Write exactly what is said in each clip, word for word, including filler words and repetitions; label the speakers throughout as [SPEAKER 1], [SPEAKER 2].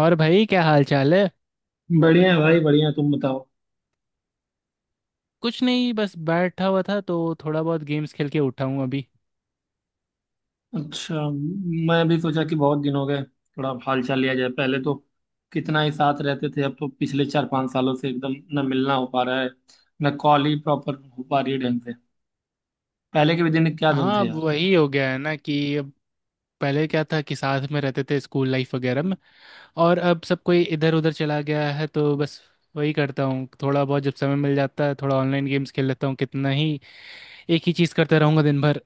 [SPEAKER 1] और भाई क्या हाल चाल है?
[SPEAKER 2] बढ़िया है भाई, बढ़िया। तुम बताओ।
[SPEAKER 1] कुछ नहीं, बस बैठा हुआ था तो थोड़ा बहुत गेम्स खेल के उठा हूँ अभी।
[SPEAKER 2] अच्छा। मैं भी सोचा कि बहुत दिन हो गए, थोड़ा हाल चाल लिया जाए। पहले तो कितना ही साथ रहते थे, अब तो पिछले चार पांच सालों से एकदम न मिलना हो पा रहा है, न कॉल ही प्रॉपर हो पा रही है ढंग से। पहले के भी दिन क्या दिन
[SPEAKER 1] हाँ,
[SPEAKER 2] थे
[SPEAKER 1] अब
[SPEAKER 2] यार।
[SPEAKER 1] वही हो गया है ना कि अब पहले क्या था कि साथ में रहते थे, स्कूल लाइफ वगैरह में, और अब सब कोई इधर उधर चला गया है तो बस वही करता हूँ। थोड़ा बहुत जब समय मिल जाता है थोड़ा ऑनलाइन गेम्स खेल लेता हूँ, कितना ही एक ही चीज़ करता रहूँगा दिन भर।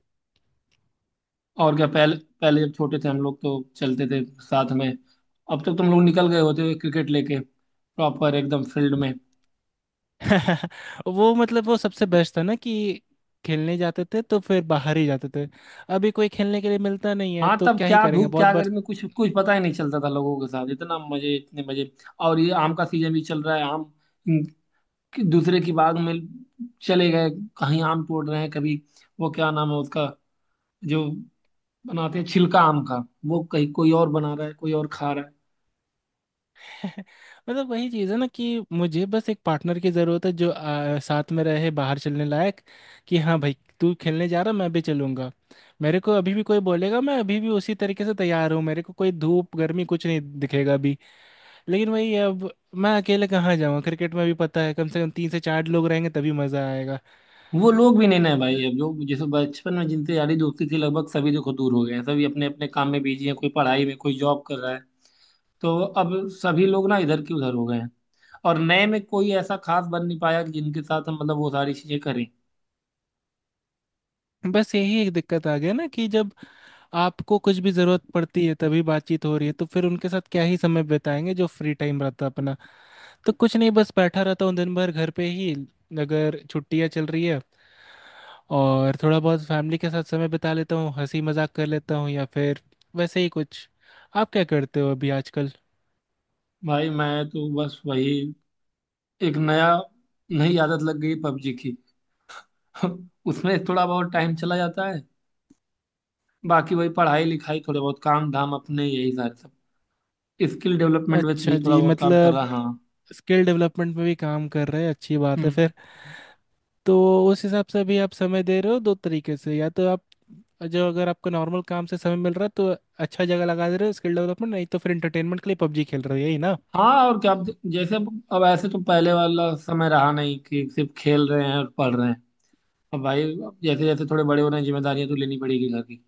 [SPEAKER 2] और क्या, पहले पहले जब छोटे थे हम लोग तो चलते थे साथ में। अब तक तुम लोग निकल गए होते क्रिकेट लेके प्रॉपर एकदम फील्ड में।
[SPEAKER 1] वो मतलब वो सबसे बेस्ट था ना कि खेलने जाते थे तो फिर बाहर ही जाते थे। अभी कोई खेलने के लिए मिलता नहीं है
[SPEAKER 2] हाँ,
[SPEAKER 1] तो
[SPEAKER 2] तब
[SPEAKER 1] क्या ही
[SPEAKER 2] क्या
[SPEAKER 1] करेंगे
[SPEAKER 2] धूप
[SPEAKER 1] बहुत
[SPEAKER 2] क्या
[SPEAKER 1] बार।
[SPEAKER 2] गर्मी, कुछ कुछ पता ही नहीं चलता था, लोगों के साथ इतना मजे, इतने मजे। और ये आम का सीजन भी चल रहा है। आम कि दूसरे की बाग में चले गए, कहीं आम तोड़ रहे हैं, कभी वो क्या नाम है उसका जो बनाते हैं छिलका आम का, वो कहीं कोई और बना रहा है, कोई और खा रहा है।
[SPEAKER 1] मतलब वही चीज़ है ना कि मुझे बस एक पार्टनर की ज़रूरत है जो आ, साथ में रहे, बाहर चलने लायक। कि हाँ भाई, तू खेलने जा रहा, मैं भी चलूंगा। मेरे को अभी भी कोई बोलेगा, मैं अभी भी उसी तरीके से तैयार हूँ, मेरे को कोई धूप गर्मी कुछ नहीं दिखेगा अभी। लेकिन वही है, अब मैं अकेले कहाँ जाऊँगा? क्रिकेट में भी पता है कम से कम तीन से चार लोग रहेंगे तभी मज़ा आएगा।
[SPEAKER 2] वो लोग भी नहीं ना भाई, अब जो जैसे बचपन में जिनसे यारी दोस्ती थी लगभग सभी, देखो दूर हो गए हैं। सभी अपने अपने काम में बिजी हैं, कोई पढ़ाई में कोई जॉब कर रहा है। तो अब सभी लोग ना इधर की उधर हो गए हैं। और नए में कोई ऐसा खास बन नहीं पाया कि जिनके साथ हम मतलब वो सारी चीजें करें।
[SPEAKER 1] बस यही एक दिक्कत आ गया ना कि जब आपको कुछ भी जरूरत पड़ती है तभी बातचीत हो रही है, तो फिर उनके साथ क्या ही समय बिताएंगे जो फ्री टाइम रहता है अपना। तो कुछ नहीं, बस बैठा रहता हूँ दिन भर घर पे ही, अगर छुट्टियाँ चल रही है। और थोड़ा बहुत फैमिली के साथ समय बिता लेता हूँ, हंसी मजाक कर लेता हूँ या फिर वैसे ही कुछ। आप क्या करते हो अभी आजकल?
[SPEAKER 2] भाई मैं तो बस वही, एक नया नई आदत लग गई पबजी की। उसमें थोड़ा बहुत टाइम चला जाता है। बाकी वही पढ़ाई लिखाई, थोड़े बहुत काम धाम अपने, यही सारे सब। स्किल डेवलपमेंट में भी
[SPEAKER 1] अच्छा
[SPEAKER 2] थोड़ा
[SPEAKER 1] जी,
[SPEAKER 2] बहुत काम कर रहा
[SPEAKER 1] मतलब
[SPEAKER 2] हाँ।
[SPEAKER 1] स्किल डेवलपमेंट में भी काम कर रहे हैं, अच्छी बात है
[SPEAKER 2] हम्म।
[SPEAKER 1] फिर। तो उस हिसाब से अभी आप समय दे रहे हो दो तरीके से, या तो आप जो अगर आपको नॉर्मल काम से समय मिल रहा है तो अच्छा जगह लगा दे रहे हो स्किल डेवलपमेंट, नहीं तो फिर एंटरटेनमेंट के लिए पबजी खेल रहे हो, यही ना?
[SPEAKER 2] हाँ और क्या अब, जैसे अब अब ऐसे तो पहले वाला समय रहा नहीं कि सिर्फ खेल रहे हैं और पढ़ रहे हैं। अब भाई, अब जैसे जैसे थोड़े बड़े हो रहे हैं, जिम्मेदारियां तो लेनी पड़ेगी घर की।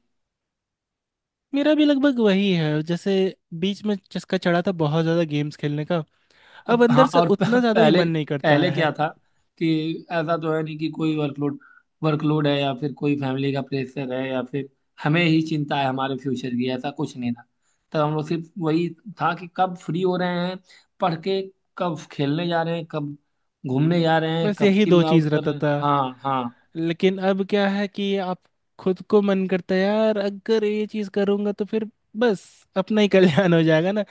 [SPEAKER 1] मेरा भी लगभग वही है। जैसे बीच में चस्का चढ़ा था बहुत ज़्यादा गेम्स खेलने का, अब
[SPEAKER 2] अब, हाँ।
[SPEAKER 1] अंदर से
[SPEAKER 2] और प-
[SPEAKER 1] उतना ज़्यादा भी
[SPEAKER 2] पहले,
[SPEAKER 1] मन नहीं करता
[SPEAKER 2] पहले
[SPEAKER 1] है।
[SPEAKER 2] क्या था कि ऐसा तो है नहीं कि कोई वर्कलोड वर्कलोड है या फिर कोई फैमिली का प्रेशर है, या फिर हमें ही चिंता है हमारे फ्यूचर की, ऐसा कुछ नहीं था। तब हम लोग सिर्फ, वही था कि कब फ्री हो रहे हैं पढ़ के, कब खेलने जा रहे हैं, कब घूमने जा रहे हैं,
[SPEAKER 1] बस
[SPEAKER 2] कब
[SPEAKER 1] यही
[SPEAKER 2] चिल
[SPEAKER 1] दो चीज़
[SPEAKER 2] आउट कर
[SPEAKER 1] रहता
[SPEAKER 2] रहे हैं।
[SPEAKER 1] था।
[SPEAKER 2] हाँ, हाँ।
[SPEAKER 1] लेकिन अब क्या है कि आप खुद को मन करता है यार अगर ये चीज़ करूँगा तो फिर बस अपना ही कल्याण हो जाएगा ना,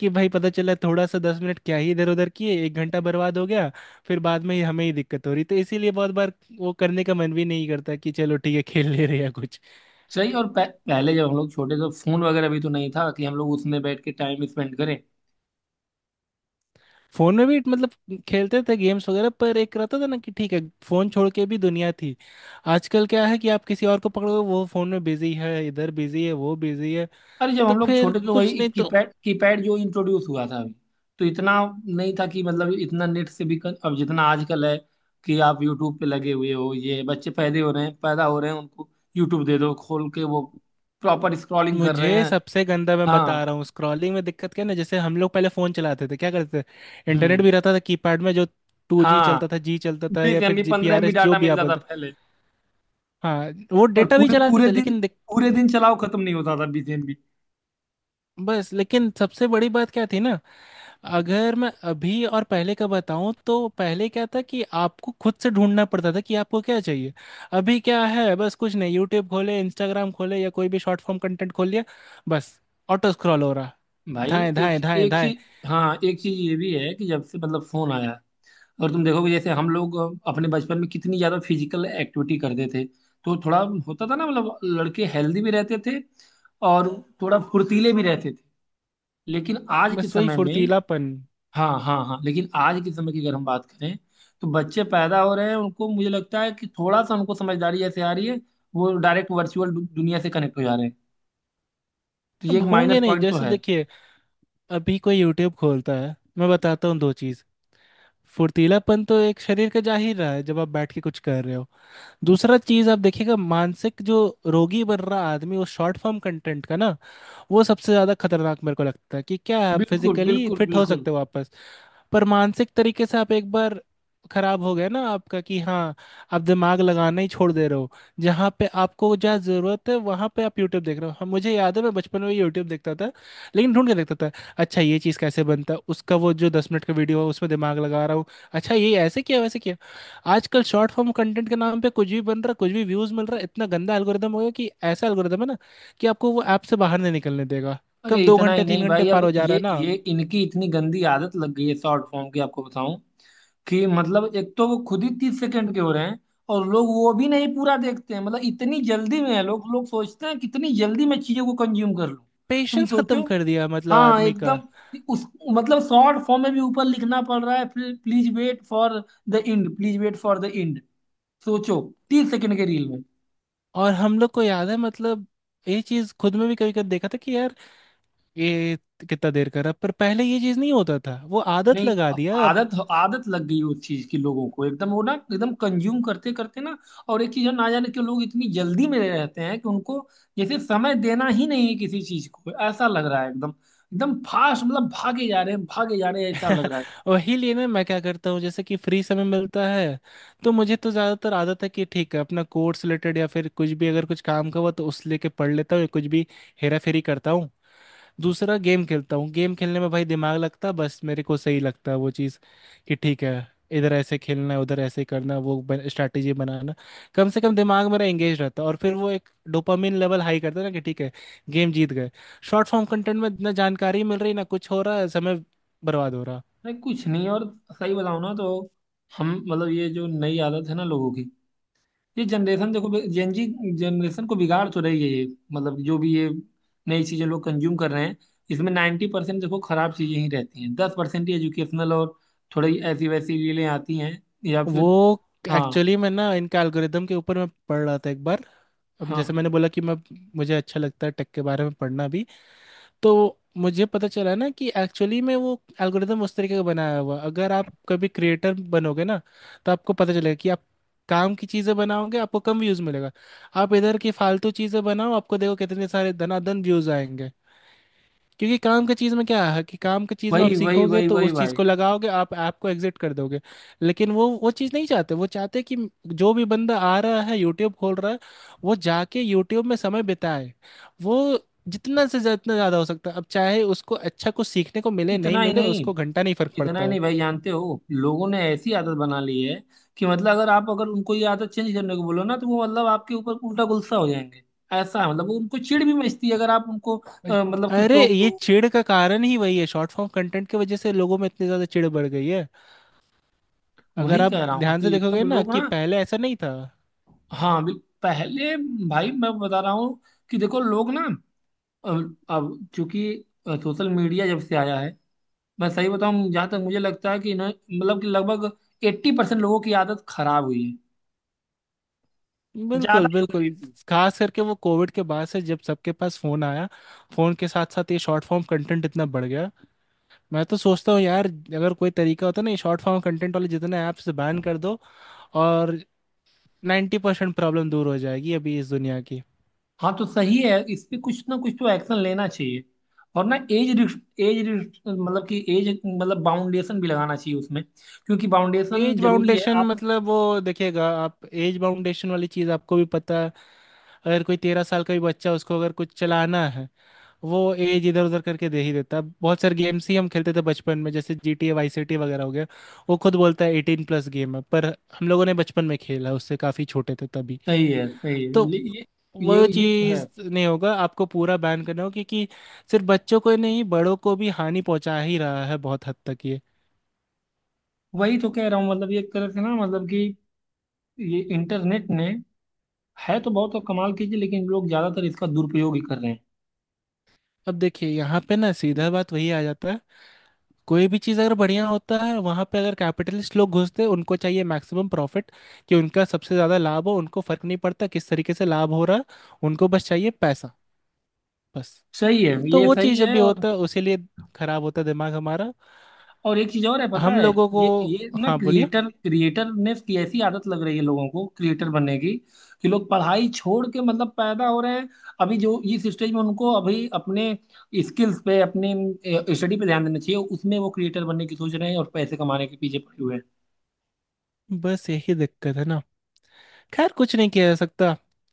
[SPEAKER 1] कि भाई पता चला थोड़ा सा दस मिनट क्या ही इधर उधर किए, एक घंटा बर्बाद हो गया। फिर बाद में ही हमें ही दिक्कत हो रही, तो इसीलिए बहुत बार वो करने का मन भी नहीं करता कि चलो ठीक है खेल ले रहे या कुछ।
[SPEAKER 2] सही, और पह, पहले जब हम लोग छोटे थे फोन वगैरह भी तो नहीं था कि हम लोग उसमें बैठ के टाइम स्पेंड करें।
[SPEAKER 1] फोन में भी मतलब खेलते थे गेम्स वगैरह, पर एक रहता था ना कि ठीक है फोन छोड़ के भी दुनिया थी। आजकल क्या है कि आप किसी और को पकड़ो वो फोन में बिजी है, इधर बिजी है, वो बिजी है,
[SPEAKER 2] अरे जब
[SPEAKER 1] तो
[SPEAKER 2] हम लोग
[SPEAKER 1] फिर
[SPEAKER 2] छोटे थे तो
[SPEAKER 1] कुछ
[SPEAKER 2] वही
[SPEAKER 1] नहीं तो।
[SPEAKER 2] कीपैड, कीपैड जो इंट्रोड्यूस हुआ था अभी। तो इतना नहीं था कि मतलब इतना नेट से भी कन, अब जितना आजकल है, कि आप यूट्यूब पे लगे हुए हो, ये बच्चे पैदे हो रहे हैं पैदा हो रहे हैं, उनको यूट्यूब दे दो खोल के, वो प्रॉपर स्क्रॉलिंग कर रहे
[SPEAKER 1] मुझे
[SPEAKER 2] हैं।
[SPEAKER 1] सबसे गंदा, मैं बता
[SPEAKER 2] हाँ।
[SPEAKER 1] रहा हूँ, स्क्रॉलिंग में दिक्कत क्या है ना, जैसे हम लोग पहले फ़ोन चलाते थे क्या करते थे, इंटरनेट
[SPEAKER 2] हम्म।
[SPEAKER 1] भी रहता था कीपैड में, जो टू जी
[SPEAKER 2] हाँ,
[SPEAKER 1] चलता था, जी चलता था, या
[SPEAKER 2] बीस एम
[SPEAKER 1] फिर
[SPEAKER 2] बी
[SPEAKER 1] जी पी
[SPEAKER 2] पंद्रह
[SPEAKER 1] आर
[SPEAKER 2] एम बी
[SPEAKER 1] एस जो
[SPEAKER 2] डाटा
[SPEAKER 1] भी
[SPEAKER 2] मिल
[SPEAKER 1] आप
[SPEAKER 2] जाता
[SPEAKER 1] बोलते।
[SPEAKER 2] पहले।
[SPEAKER 1] हाँ, वो
[SPEAKER 2] और
[SPEAKER 1] डेटा भी
[SPEAKER 2] पूरे
[SPEAKER 1] चलाते
[SPEAKER 2] पूरे
[SPEAKER 1] थे
[SPEAKER 2] दिन,
[SPEAKER 1] लेकिन दिक-
[SPEAKER 2] पूरे दिन चलाओ खत्म नहीं होता था बीस एम बी।
[SPEAKER 1] बस। लेकिन सबसे बड़ी बात क्या थी ना, अगर मैं अभी और पहले का बताऊं, तो पहले क्या था कि आपको खुद से ढूंढना पड़ता था कि आपको क्या चाहिए। अभी क्या है, बस कुछ नहीं, यूट्यूब खोले, इंस्टाग्राम खोले, या कोई भी शॉर्ट फॉर्म कंटेंट खोल लिया, बस, ऑटो स्क्रॉल हो रहा,
[SPEAKER 2] भाई
[SPEAKER 1] धाएं
[SPEAKER 2] एक
[SPEAKER 1] धाएं धाएं
[SPEAKER 2] एक
[SPEAKER 1] धाएं।
[SPEAKER 2] चीज। हाँ, एक चीज ये भी है कि जब से मतलब फोन आया है, और तुम देखोगे जैसे हम लोग अपने बचपन में कितनी ज्यादा फिजिकल एक्टिविटी करते थे, तो थोड़ा होता था ना, मतलब लड़के हेल्दी भी रहते थे और थोड़ा फुर्तीले भी रहते थे। लेकिन आज के
[SPEAKER 1] बस वही
[SPEAKER 2] समय में।
[SPEAKER 1] फुर्तीलापन।
[SPEAKER 2] हाँ, हाँ, हाँ। लेकिन आज के समय की अगर हम बात करें तो बच्चे पैदा हो रहे हैं, उनको मुझे लगता है कि थोड़ा सा उनको समझदारी जैसे आ रही है, वो डायरेक्ट वर्चुअल दुनिया से कनेक्ट हो जा रहे हैं। तो ये
[SPEAKER 1] अब
[SPEAKER 2] एक
[SPEAKER 1] होंगे
[SPEAKER 2] माइनस
[SPEAKER 1] नहीं,
[SPEAKER 2] पॉइंट तो
[SPEAKER 1] जैसे
[SPEAKER 2] है।
[SPEAKER 1] देखिए अभी कोई यूट्यूब खोलता है, मैं बताता हूँ दो चीज़। फुर्तीलापन तो एक शरीर का जाहिर रहा है जब आप बैठ के कुछ कर रहे हो। दूसरा चीज़ आप देखिएगा, मानसिक जो रोगी बन रहा आदमी वो शॉर्ट फॉर्म कंटेंट का ना, वो सबसे ज्यादा खतरनाक मेरे को लगता है, कि क्या है, आप
[SPEAKER 2] बिल्कुल,
[SPEAKER 1] फिजिकली
[SPEAKER 2] बिल्कुल,
[SPEAKER 1] फिट हो
[SPEAKER 2] बिल्कुल।
[SPEAKER 1] सकते हो वापस, पर मानसिक तरीके से आप एक बार खराब हो गया ना आपका, कि हाँ आप दिमाग लगाना ही छोड़ दे रहे हो। जहाँ पे आपको, जहाँ जरूरत है वहाँ पे आप यूट्यूब देख रहे हो। हम मुझे याद है मैं बचपन में यूट्यूब देखता था, लेकिन ढूंढ के देखता था। अच्छा ये चीज़ कैसे बनता है, उसका वो जो दस मिनट का वीडियो है उसमें दिमाग लगा रहा हूँ, अच्छा ये ऐसे किया वैसे किया। आजकल शॉर्ट फॉर्म कंटेंट के नाम पे कुछ भी बन रहा, कुछ भी व्यूज मिल रहा, इतना गंदा एल्गोरिदम हो गया कि ऐसा एल्गोरिदम है ना कि आपको वो ऐप से बाहर नहीं निकलने देगा,
[SPEAKER 2] अरे
[SPEAKER 1] कब दो
[SPEAKER 2] इतना ही
[SPEAKER 1] घंटे तीन
[SPEAKER 2] नहीं
[SPEAKER 1] घंटे
[SPEAKER 2] भाई,
[SPEAKER 1] पार
[SPEAKER 2] अब
[SPEAKER 1] हो जा रहा है
[SPEAKER 2] ये
[SPEAKER 1] ना।
[SPEAKER 2] ये इनकी इतनी गंदी आदत लग गई है शॉर्ट फॉर्म की, आपको बताऊं। कि मतलब एक तो वो खुद ही तीस सेकंड के हो रहे हैं, और लोग वो भी नहीं पूरा देखते हैं। मतलब इतनी जल्दी में है लोग, लोग सोचते हैं कितनी जल्दी मैं चीजों को कंज्यूम कर लूं। तुम
[SPEAKER 1] पेशेंस
[SPEAKER 2] सोचो।
[SPEAKER 1] खत्म कर दिया मतलब
[SPEAKER 2] हाँ,
[SPEAKER 1] आदमी का।
[SPEAKER 2] एकदम। उस मतलब शॉर्ट फॉर्म में भी ऊपर लिखना पड़ रहा है, please wait for the end, please wait for the end. सोचो, तीस सेकंड के रील में।
[SPEAKER 1] और हम लोग को याद है, मतलब ये चीज खुद में भी कभी कभी देखा था कि यार ये कितना देर कर रहा है। पर पहले ये चीज नहीं होता था, वो आदत
[SPEAKER 2] नहीं,
[SPEAKER 1] लगा
[SPEAKER 2] अब
[SPEAKER 1] दिया अब।
[SPEAKER 2] आदत आदत लग गई उस चीज की लोगों को एकदम, वो ना एकदम कंज्यूम करते करते ना। और एक चीज है, ना जाने क्यों लोग इतनी जल्दी में रहते हैं कि उनको जैसे समय देना ही नहीं है किसी चीज को, ऐसा लग रहा है। एकदम, एकदम फास्ट, मतलब भागे जा रहे हैं, भागे जा रहे हैं ऐसा लग रहा है।
[SPEAKER 1] वही लिए ना मैं क्या करता हूँ, जैसे कि फ्री समय मिलता है तो मुझे तो ज्यादातर आदत है कि ठीक है अपना कोर्स रिलेटेड या फिर कुछ भी अगर कुछ काम का हुआ तो उस लेके पढ़ लेता हूँ, या कुछ भी हेरा फेरी करता हूँ। दूसरा गेम खेलता हूँ, गेम खेलने में भाई दिमाग लगता, बस मेरे को सही लगता है वो चीज़, कि ठीक है इधर ऐसे खेलना है उधर ऐसे करना है, वो स्ट्रैटेजी बनाना। कम से कम दिमाग मेरा एंगेज रहता है। और फिर वो एक डोपामिन लेवल हाई करता है ना कि ठीक है गेम जीत गए। शॉर्ट फॉर्म कंटेंट में ना जानकारी मिल रही, ना कुछ हो रहा है, समय बर्बाद हो रहा।
[SPEAKER 2] नहीं कुछ नहीं। और सही बताऊं ना तो, हम मतलब ये जो नई आदत है ना लोगों की, ये जनरेशन देखो जेनजी जनरेशन को बिगाड़ तो रही है ये। मतलब जो भी ये नई चीजें लोग कंज्यूम कर रहे हैं, इसमें नाइन्टी परसेंट देखो खराब चीजें ही रहती हैं, दस परसेंट ही एजुकेशनल और थोड़ी ऐसी वैसी रीलें आती हैं, या फिर।
[SPEAKER 1] वो
[SPEAKER 2] हाँ।
[SPEAKER 1] एक्चुअली मैं ना इनका एल्गोरिदम के ऊपर मैं पढ़ रहा था एक बार, अब जैसे
[SPEAKER 2] हाँ।
[SPEAKER 1] मैंने बोला कि मैं मुझे अच्छा लगता है टेक के बारे में पढ़ना भी। तो मुझे पता चला ना कि एक्चुअली में वो एल्गोरिदम उस तरीके का बनाया हुआ, अगर आप कभी क्रिएटर बनोगे ना तो आपको पता चलेगा कि आप काम की चीज़ें बनाओगे आपको कम व्यूज़ मिलेगा। आप इधर की फालतू चीज़ें बनाओ, आपको देखो कितने सारे धनाधन व्यूज़ आएंगे। क्योंकि काम का चीज में क्या है कि काम का चीज में आप
[SPEAKER 2] वही, वही,
[SPEAKER 1] सीखोगे
[SPEAKER 2] वही,
[SPEAKER 1] तो
[SPEAKER 2] वही
[SPEAKER 1] उस चीज
[SPEAKER 2] भाई।
[SPEAKER 1] को लगाओगे, आप ऐप को एग्जिट कर दोगे। लेकिन वो वो चीज नहीं चाहते, वो चाहते कि जो भी बंदा आ रहा है यूट्यूब खोल रहा है वो जाके यूट्यूब में समय बिताए, वो जितना से जितना ज्यादा हो सकता है, अब चाहे उसको अच्छा कुछ सीखने को मिले नहीं
[SPEAKER 2] इतना ही
[SPEAKER 1] मिले,
[SPEAKER 2] नहीं,
[SPEAKER 1] उसको घंटा नहीं फर्क
[SPEAKER 2] इतना
[SPEAKER 1] पड़ता
[SPEAKER 2] ही
[SPEAKER 1] है।
[SPEAKER 2] नहीं भाई, जानते हो लोगों ने ऐसी आदत बना ली है कि मतलब, अगर आप, अगर उनको ये आदत चेंज करने को बोलो ना, तो वो मतलब आपके ऊपर उल्टा गुस्सा हो जाएंगे। ऐसा है, मतलब वो, उनको चिढ़ भी मचती है अगर आप उनको अ, मतलब कि
[SPEAKER 1] अरे
[SPEAKER 2] टोक
[SPEAKER 1] ये
[SPEAKER 2] दो।
[SPEAKER 1] चिढ़ का कारण ही वही है, शॉर्ट फॉर्म कंटेंट की वजह से लोगों में इतनी ज्यादा चिढ़ बढ़ गई है। अगर
[SPEAKER 2] वही
[SPEAKER 1] आप
[SPEAKER 2] कह रहा हूँ
[SPEAKER 1] ध्यान से
[SPEAKER 2] कि एकदम
[SPEAKER 1] देखोगे ना
[SPEAKER 2] लोग ना।
[SPEAKER 1] कि पहले ऐसा नहीं था।
[SPEAKER 2] हाँ, बिल- पहले। भाई मैं बता रहा हूँ कि देखो लोग ना, अब अब चूंकि सोशल मीडिया जब से आया है, मैं सही बताऊँ जहाँ तक मुझे लगता है कि इन्हें मतलब कि लगभग एट्टी परसेंट लोगों की आदत खराब हुई है, ज्यादा
[SPEAKER 1] बिल्कुल
[SPEAKER 2] यूज
[SPEAKER 1] बिल्कुल।
[SPEAKER 2] रहती।
[SPEAKER 1] खास करके वो कोविड के बाद से जब सबके पास फोन आया, फोन के साथ साथ ये शॉर्ट फॉर्म कंटेंट इतना बढ़ गया। मैं तो सोचता हूँ यार, अगर कोई तरीका होता ना ये शॉर्ट फॉर्म कंटेंट वाले जितने ऐप्स बैन कर दो, और नाइन्टी परसेंट प्रॉब्लम दूर हो जाएगी अभी इस दुनिया की।
[SPEAKER 2] हाँ, तो सही है, इस पे कुछ ना कुछ तो एक्शन लेना चाहिए। और ना, एज एज मतलब कि एज, मतलब बाउंडेशन भी लगाना चाहिए उसमें। क्योंकि बाउंडेशन
[SPEAKER 1] एज
[SPEAKER 2] जरूरी है,
[SPEAKER 1] बाउंडेशन
[SPEAKER 2] आप।
[SPEAKER 1] मतलब वो देखिएगा, आप एज बाउंडेशन वाली चीज़ आपको भी पता है, अगर कोई तेरह साल का भी बच्चा, उसको अगर कुछ चलाना है वो एज इधर उधर करके दे ही देता है। बहुत सारे गेम्स ही हम खेलते थे बचपन में, जैसे G T A Vice City वगैरह हो गया, वो खुद बोलता है एटीन प्लस गेम है, पर हम लोगों ने बचपन में खेला, उससे काफ़ी छोटे थे तभी।
[SPEAKER 2] सही है, सही है।
[SPEAKER 1] तो
[SPEAKER 2] ये ये ये
[SPEAKER 1] वो
[SPEAKER 2] ये तो है।
[SPEAKER 1] चीज़ नहीं होगा, आपको पूरा बैन करना होगा क्योंकि सिर्फ बच्चों को ही नहीं बड़ों को भी हानि पहुंचा ही रहा है बहुत हद तक ये।
[SPEAKER 2] वही तो कह रहा हूँ, मतलब ये एक तरह से ना, मतलब कि ये इंटरनेट ने, है तो बहुत तो कमाल की चीज, लेकिन लोग ज्यादातर इसका दुरुपयोग ही कर रहे हैं।
[SPEAKER 1] अब देखिए यहाँ पे ना सीधा बात वही आ जाता है, कोई भी चीज़ अगर बढ़िया होता है वहाँ पे अगर कैपिटलिस्ट लोग घुसते हैं, उनको चाहिए मैक्सिमम प्रॉफिट, कि उनका सबसे ज़्यादा लाभ हो, उनको फ़र्क नहीं पड़ता किस तरीके से लाभ हो रहा है। उनको बस चाहिए पैसा, बस।
[SPEAKER 2] सही है
[SPEAKER 1] तो
[SPEAKER 2] ये,
[SPEAKER 1] वो
[SPEAKER 2] सही
[SPEAKER 1] चीज़ जब
[SPEAKER 2] है।
[SPEAKER 1] भी
[SPEAKER 2] और
[SPEAKER 1] होता है उसी लिए खराब होता है दिमाग हमारा,
[SPEAKER 2] और एक चीज और है, पता
[SPEAKER 1] हम
[SPEAKER 2] है,
[SPEAKER 1] लोगों को।
[SPEAKER 2] ये ये ना
[SPEAKER 1] हाँ बोलिए।
[SPEAKER 2] क्रिएटर क्रिएटर ने की ऐसी आदत लग रही है लोगों को, क्रिएटर बनने की, कि लोग पढ़ाई छोड़ के, मतलब पैदा हो रहे हैं अभी जो इस स्टेज में, उनको अभी अपने स्किल्स पे, अपने स्टडी पे ध्यान देना चाहिए, उसमें वो क्रिएटर बनने की सोच रहे हैं और पैसे कमाने के पीछे पड़े हुए हैं।
[SPEAKER 1] बस यही दिक्कत है ना, खैर कुछ नहीं किया जा सकता।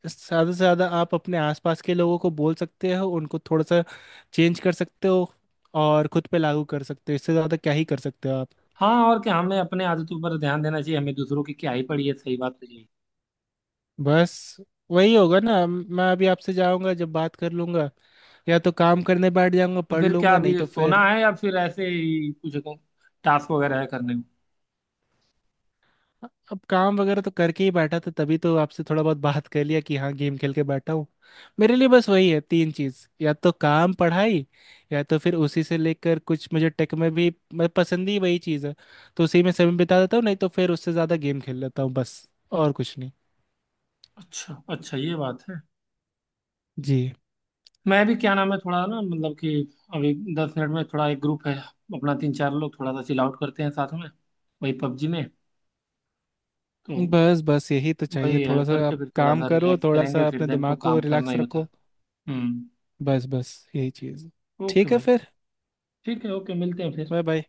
[SPEAKER 1] ज़्यादा से ज़्यादा आप अपने आसपास के लोगों को बोल सकते हो, उनको थोड़ा सा चेंज कर सकते हो, और खुद पे लागू कर सकते हो, इससे ज़्यादा क्या ही कर सकते हो आप।
[SPEAKER 2] हाँ और क्या, हमें अपने आदतों पर ध्यान देना चाहिए, हमें दूसरों की क्या ही पड़ी है, सही बात तो यही।
[SPEAKER 1] बस, वही होगा ना, मैं अभी आपसे जाऊंगा जब बात कर लूंगा या तो काम करने बैठ जाऊंगा,
[SPEAKER 2] तो
[SPEAKER 1] पढ़
[SPEAKER 2] फिर क्या,
[SPEAKER 1] लूंगा नहीं
[SPEAKER 2] अभी
[SPEAKER 1] तो
[SPEAKER 2] सोना
[SPEAKER 1] फिर।
[SPEAKER 2] है या फिर ऐसे ही कुछ तो टास्क वगैरह है करने को।
[SPEAKER 1] अब काम वगैरह तो करके ही बैठा था, तभी तो आपसे थोड़ा बहुत बात कर लिया कि हाँ गेम खेल के बैठा हूँ। मेरे लिए बस वही है तीन चीज, या तो काम, पढ़ाई, या तो फिर उसी से लेकर कुछ मुझे टेक में भी मैं पसंद ही वही चीज़ है। तो उसी में समय बिता देता हूँ, नहीं तो फिर उससे ज़्यादा गेम खेल लेता हूँ, बस और कुछ नहीं।
[SPEAKER 2] अच्छा, अच्छा, ये बात है।
[SPEAKER 1] जी।
[SPEAKER 2] मैं भी, क्या नाम है, थोड़ा ना मतलब कि अभी दस मिनट में, थोड़ा एक ग्रुप है अपना, तीन चार लोग, थोड़ा सा चिल आउट करते हैं साथ में, वही पबजी में। तो
[SPEAKER 1] बस बस यही तो चाहिए
[SPEAKER 2] वही है,
[SPEAKER 1] थोड़ा सा,
[SPEAKER 2] करके
[SPEAKER 1] आप
[SPEAKER 2] फिर थोड़ा
[SPEAKER 1] काम
[SPEAKER 2] सा
[SPEAKER 1] करो,
[SPEAKER 2] रिलैक्स
[SPEAKER 1] थोड़ा
[SPEAKER 2] करेंगे,
[SPEAKER 1] सा
[SPEAKER 2] फिर
[SPEAKER 1] अपने
[SPEAKER 2] दिन तो
[SPEAKER 1] दिमाग को
[SPEAKER 2] काम करना
[SPEAKER 1] रिलैक्स
[SPEAKER 2] ही होता है।
[SPEAKER 1] रखो।
[SPEAKER 2] हम्म।
[SPEAKER 1] बस बस यही चीज़।
[SPEAKER 2] ओके
[SPEAKER 1] ठीक है
[SPEAKER 2] भाई।
[SPEAKER 1] फिर।
[SPEAKER 2] ठीक है। ओके, मिलते हैं फिर।
[SPEAKER 1] Bye bye.